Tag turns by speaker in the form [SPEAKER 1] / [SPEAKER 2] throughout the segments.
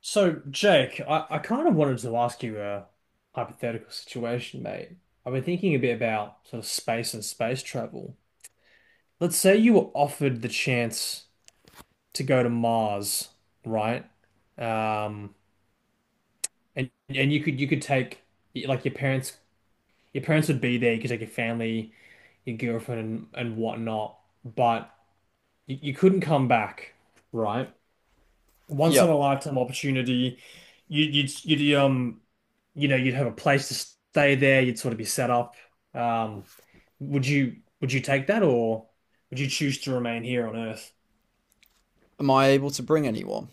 [SPEAKER 1] So, Jake, I kind of wanted to ask you a hypothetical situation, mate. I've been thinking a bit about sort of space and space travel. Let's say you were offered the chance to go to Mars, right? Um, and you could take like your parents would be there. You could take your family, your girlfriend, and whatnot, but you couldn't come back, right? Once in
[SPEAKER 2] Yep.
[SPEAKER 1] a lifetime opportunity. You, you'd, you'd, um, you'd have a place to stay there. You'd sort of be set up. Um, would you take that or would you choose to remain here on Earth?
[SPEAKER 2] Am I able to bring anyone?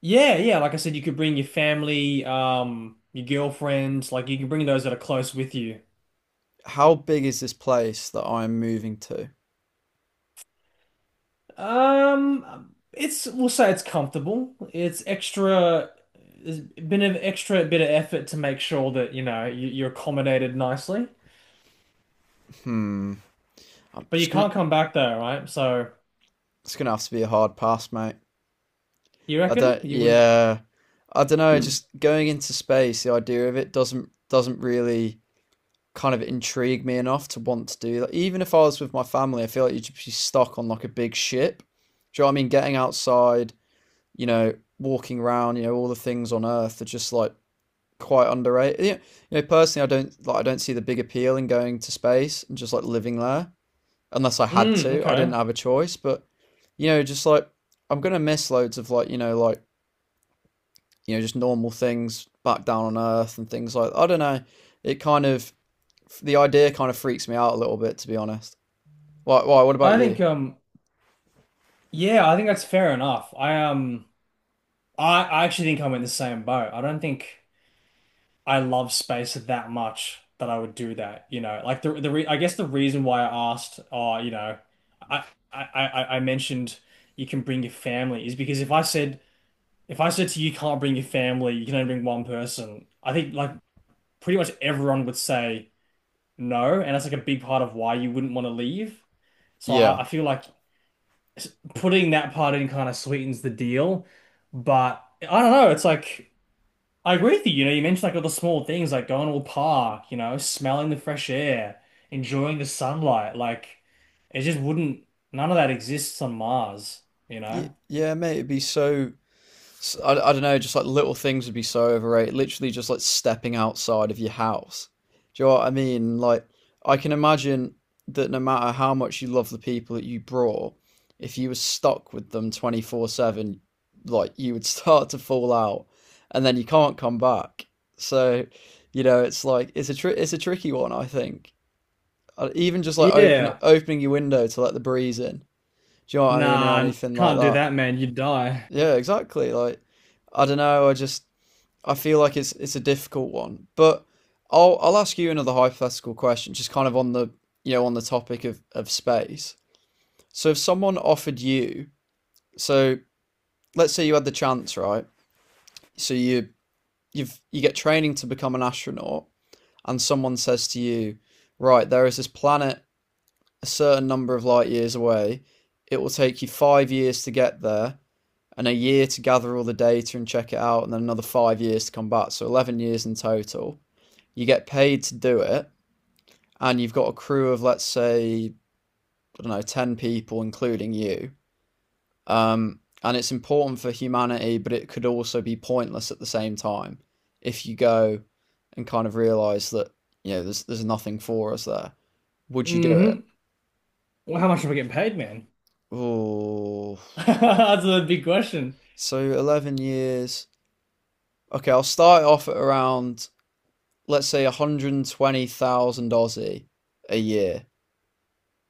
[SPEAKER 1] Yeah, yeah. Like I said, you could bring your family, your girlfriend, like you can bring those that are close with you.
[SPEAKER 2] How big is this place that I'm moving to?
[SPEAKER 1] It's, we'll say it's comfortable. There's been an extra bit of effort to make sure that, you know, you're accommodated nicely.
[SPEAKER 2] Hmm. I'm
[SPEAKER 1] But
[SPEAKER 2] just
[SPEAKER 1] you
[SPEAKER 2] gonna.
[SPEAKER 1] can't come back there, right? So
[SPEAKER 2] It's gonna have to be a hard pass, mate.
[SPEAKER 1] you
[SPEAKER 2] I
[SPEAKER 1] reckon
[SPEAKER 2] don't.
[SPEAKER 1] you wouldn't?
[SPEAKER 2] Yeah. I don't know. Just going into space, the idea of it doesn't really kind of intrigue me enough to want to do that. Even if I was with my family, I feel like you'd just be stuck on like a big ship. Do you know what I mean? Getting outside, you know, walking around, all the things on Earth are just like quite underrated. Personally, I don't like. I don't see the big appeal in going to space and just like living there, unless I had
[SPEAKER 1] Mm,
[SPEAKER 2] to. I didn't
[SPEAKER 1] okay.
[SPEAKER 2] have a choice, but just like I'm gonna miss loads of like like just normal things back down on Earth and things like. I don't know. It kind of the idea kind of freaks me out a little bit, to be honest. Why? Why? What about
[SPEAKER 1] I
[SPEAKER 2] you?
[SPEAKER 1] think um yeah, I think that's fair enough. I actually think I'm in the same boat. I don't think I love space that much that I would do that, you know. Like the re I guess the reason why I asked you know, I I I mentioned you can bring your family is because if I said to you, you can't bring your family, you can only bring one person, I think like pretty much everyone would say no, and that's like a big part of why you wouldn't want to leave. So
[SPEAKER 2] Yeah.
[SPEAKER 1] I feel like s- putting that part in kind of sweetens the deal, but I don't know. It's like I agree with you. You know, you mentioned like all the small things, like going to a park, you know, smelling the fresh air, enjoying the sunlight. Like it just wouldn't. None of that exists on Mars. You
[SPEAKER 2] Y-
[SPEAKER 1] know?
[SPEAKER 2] yeah, mate. It'd be so I don't know, just like little things would be so overrated. Literally, just like stepping outside of your house. Do you know what I mean? Like, I can imagine that no matter how much you love the people that you brought, if you were stuck with them 24/7, like, you would start to fall out and then you can't come back. So, it's like, it's a tricky one, I think. Even just like open it
[SPEAKER 1] Yeah.
[SPEAKER 2] opening your window to let the breeze in. Do you know what I mean? Or
[SPEAKER 1] Nah,
[SPEAKER 2] anything like
[SPEAKER 1] can't do
[SPEAKER 2] that.
[SPEAKER 1] that, man. You'd die.
[SPEAKER 2] Yeah, exactly. Like, I don't know. I feel like it's a difficult one, but I'll ask you another hypothetical question, just kind of on the topic of space. So if someone offered you, so let's say you had the chance, right? So you get training to become an astronaut, and someone says to you, right, there is this planet a certain number of light years away. It will take you 5 years to get there, and a year to gather all the data and check it out, and then another 5 years to come back. So 11 years in total, you get paid to do it, and you've got a crew of, let's say, I don't know, 10 people, including you. And it's important for humanity, but it could also be pointless at the same time if you go and kind of realize that, there's nothing for us there. Would you do it?
[SPEAKER 1] hmm Well, how much am we getting paid, man?
[SPEAKER 2] Oh,
[SPEAKER 1] That's a big question.
[SPEAKER 2] so 11 years. Okay, I'll start off at around, let's say, 120,000 Aussie a year.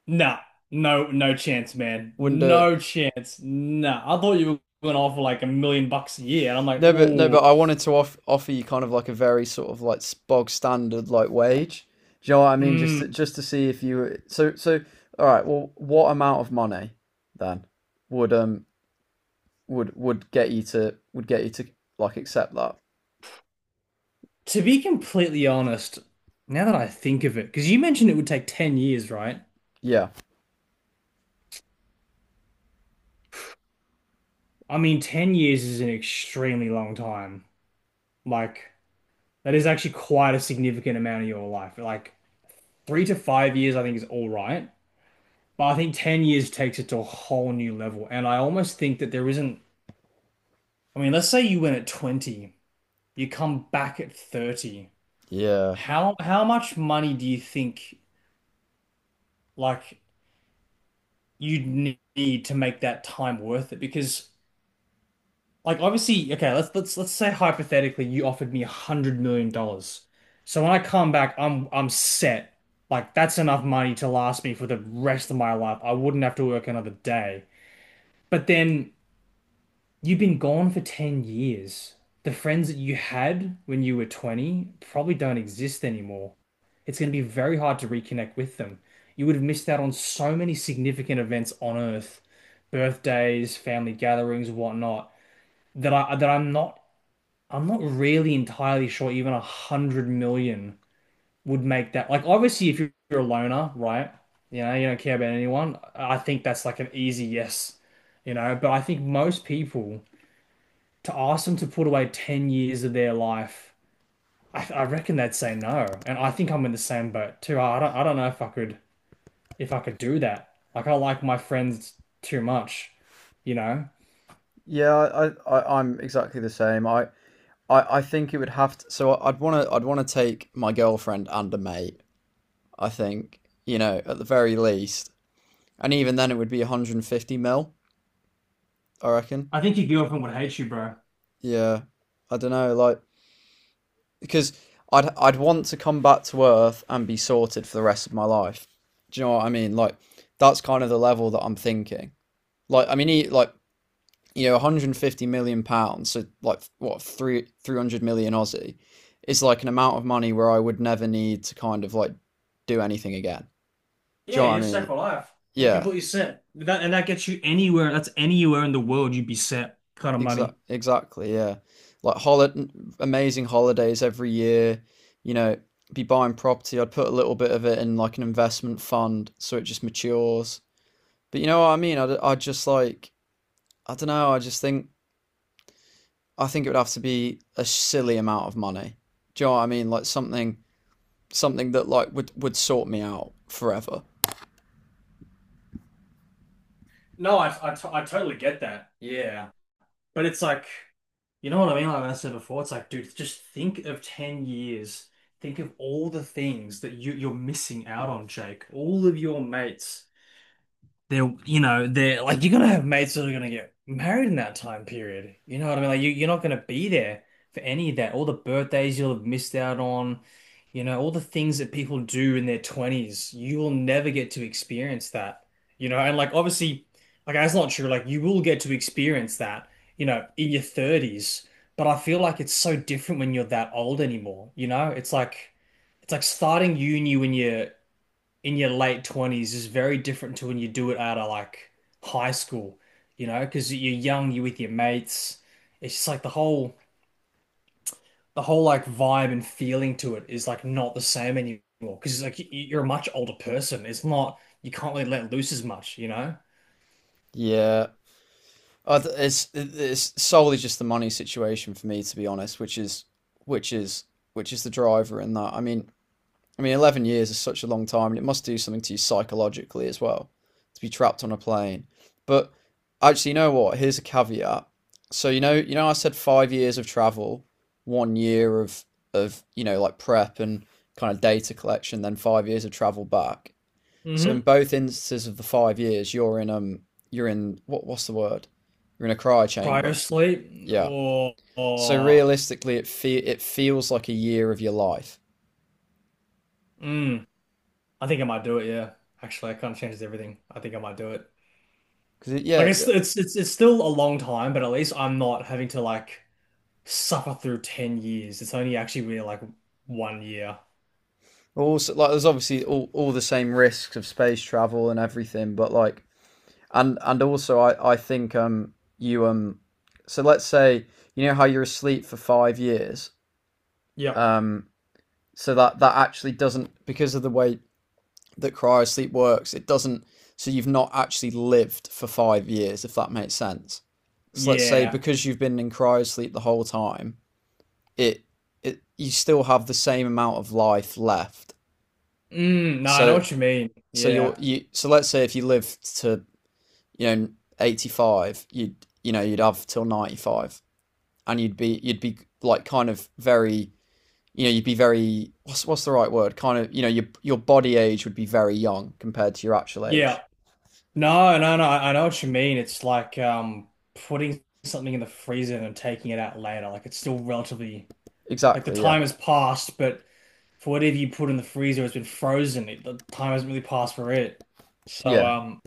[SPEAKER 1] Nah, no, no chance, man.
[SPEAKER 2] Wouldn't do it.
[SPEAKER 1] No chance. Nah. I thought you were going to offer like 1 million bucks a year, and I'm like,
[SPEAKER 2] No, but
[SPEAKER 1] ooh,
[SPEAKER 2] I wanted to offer you kind of like a very sort of like bog standard like wage. Do you know what I mean? Just to,
[SPEAKER 1] mm.
[SPEAKER 2] just to see if you were- so. All right. Well, what amount of money then would um would get you to like accept that?
[SPEAKER 1] To be completely honest, now that I think of it, because you mentioned it would take 10 years, right?
[SPEAKER 2] Yeah.
[SPEAKER 1] I mean, 10 years is an extremely long time. Like, that is actually quite a significant amount of your life. Like, three to five years, I think, is all right. But I think 10 years takes it to a whole new level. And I almost think that there isn't, I mean, let's say you went at 20. You come back at 30.
[SPEAKER 2] Yeah.
[SPEAKER 1] How much money do you think like need to make that time worth it? Because like obviously, okay, let's say hypothetically you offered me $100 million. So when I come back, I'm set. Like that's enough money to last me for the rest of my life. I wouldn't have to work another day. But then you've been gone for 10 years. The friends that you had when you were 20 probably don't exist anymore. It's going to be very hard to reconnect with them. You would have missed out on so many significant events on Earth, birthdays, family gatherings, whatnot, that I'm not really entirely sure even 100 million would make that. Like obviously if you're a loner, right? You know, you don't care about anyone. I think that's like an easy yes, you know, but I think most people to ask them to put away 10 years of their life, I reckon they'd say no. And I think I'm in the same boat too. I don't know if I could do that. Like I like my friends too much, you know?
[SPEAKER 2] Yeah. I'm exactly the same. I think it would have to. So I'd wanna take my girlfriend and a mate. I think at the very least, and even then it would be 150 mil. I reckon.
[SPEAKER 1] I think your girlfriend would hate you, bro.
[SPEAKER 2] Yeah, I don't know, like because I'd want to come back to Earth and be sorted for the rest of my life. Do you know what I mean? Like that's kind of the level that I'm thinking. Like I mean, he, like £150 million, so like what three 300 million Aussie is like an amount of money where I would never need to kind of like do anything again. Do you
[SPEAKER 1] Yeah,
[SPEAKER 2] know what I
[SPEAKER 1] you're set
[SPEAKER 2] mean?
[SPEAKER 1] for life. You're
[SPEAKER 2] Yeah.
[SPEAKER 1] completely set. That gets you anywhere. That's anywhere in the world you'd be set kind of
[SPEAKER 2] Exact,
[SPEAKER 1] money.
[SPEAKER 2] exactly, yeah. Like holiday, amazing holidays every year. You know, be buying property. I'd put a little bit of it in like an investment fund so it just matures. But you know what I mean? I would just like, I don't know. I think it would have to be a silly amount of money. Do you know what I mean? Like something, something that like would sort me out forever.
[SPEAKER 1] No, I, t I totally get that. Yeah. But it's like, you know what I mean? Like I said before, it's like, dude, just think of 10 years. Think of all the things that you're missing out on, Jake. All of your mates, they're, you know, they're like, you're gonna have mates that are gonna get married in that time period, you know what I mean? Like you're not gonna be there for any of that. All the birthdays you'll have missed out on, you know, all the things that people do in their 20s, you will never get to experience that, you know. And like obviously like that's not true, like you will get to experience that, you know, in your 30s. But I feel like it's so different when you're that old anymore, you know. It's like it's like starting uni when you're in your late 20s is very different to when you do it out of like high school, you know, because you're young, you're with your mates. It's just like the whole like vibe and feeling to it is like not the same anymore because it's like you're a much older person. It's not, you can't really let loose as much, you know?
[SPEAKER 2] Yeah, I th- it's solely just the money situation for me, to be honest, which is which is the driver in that. I mean, 11 years is such a long time, and it must do something to you psychologically as well to be trapped on a plane. But actually, you know what? Here's a caveat. So I said 5 years of travel, one year of prep and kind of data collection, then 5 years of travel back. So in
[SPEAKER 1] hmm
[SPEAKER 2] both instances of the 5 years, you're in what's the word? You're in a cryo
[SPEAKER 1] Cryo
[SPEAKER 2] chamber.
[SPEAKER 1] sleep,
[SPEAKER 2] Yeah. So
[SPEAKER 1] or
[SPEAKER 2] realistically, it feels like a year of your life
[SPEAKER 1] mm, I think I might do it, yeah. Actually, I kind of, changes everything. I think I might do it.
[SPEAKER 2] because
[SPEAKER 1] Like
[SPEAKER 2] yeah.
[SPEAKER 1] it's it's still a long time, but at least I'm not having to like suffer through 10 years. It's only actually really like 1 year.
[SPEAKER 2] Also, like, there's obviously all the same risks of space travel and everything, but like, and also, I think you so let's say you know how you're asleep for 5 years.
[SPEAKER 1] Yep.
[SPEAKER 2] Um so that actually doesn't, because of the way that cryosleep works it doesn't. So you've not actually lived for 5 years, if that makes sense. So let's say,
[SPEAKER 1] Yeah.
[SPEAKER 2] because you've been in cryosleep the whole time, it it you still have the same amount of life left.
[SPEAKER 1] Mm, no, I know
[SPEAKER 2] so
[SPEAKER 1] what you mean.
[SPEAKER 2] so you're
[SPEAKER 1] Yeah.
[SPEAKER 2] you so let's say if you lived to, you know 85, you'd, you'd have till 95, and you'd be like kind of very, you'd be very, what's the right word, kind of, your body age would be very young compared to your actual
[SPEAKER 1] Yeah.
[SPEAKER 2] age.
[SPEAKER 1] No, no, no, I know what you mean. It's like putting something in the freezer and then taking it out later. Like it's still relatively, like the
[SPEAKER 2] Exactly. Yeah.
[SPEAKER 1] time has passed, but for whatever you put in the freezer, it's been frozen. It, the time hasn't really passed for it. So
[SPEAKER 2] Yeah.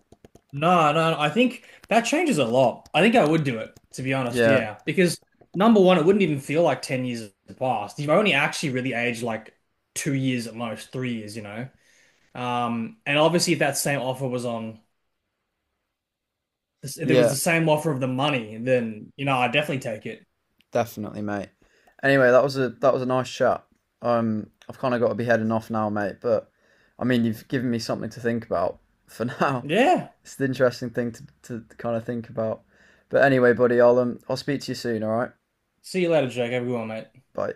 [SPEAKER 1] no, no, I think that changes a lot. I think I would do it, to be honest.
[SPEAKER 2] Yeah.
[SPEAKER 1] Yeah, because number one, it wouldn't even feel like 10 years have passed. You've only actually really aged like 2 years at most, 3 years, you know. And obviously, if that same offer was on, if there was the
[SPEAKER 2] Yeah.
[SPEAKER 1] same offer of the money, then you know I'd definitely take it.
[SPEAKER 2] Definitely, mate. Anyway, that was a nice chat. I've kind of got to be heading off now, mate. But I mean, you've given me something to think about for now.
[SPEAKER 1] Yeah.
[SPEAKER 2] It's an interesting thing to kind of think about. But anyway, buddy, I'll speak to you soon. All right,
[SPEAKER 1] See you later, Jake. Have a good one, mate.
[SPEAKER 2] bye.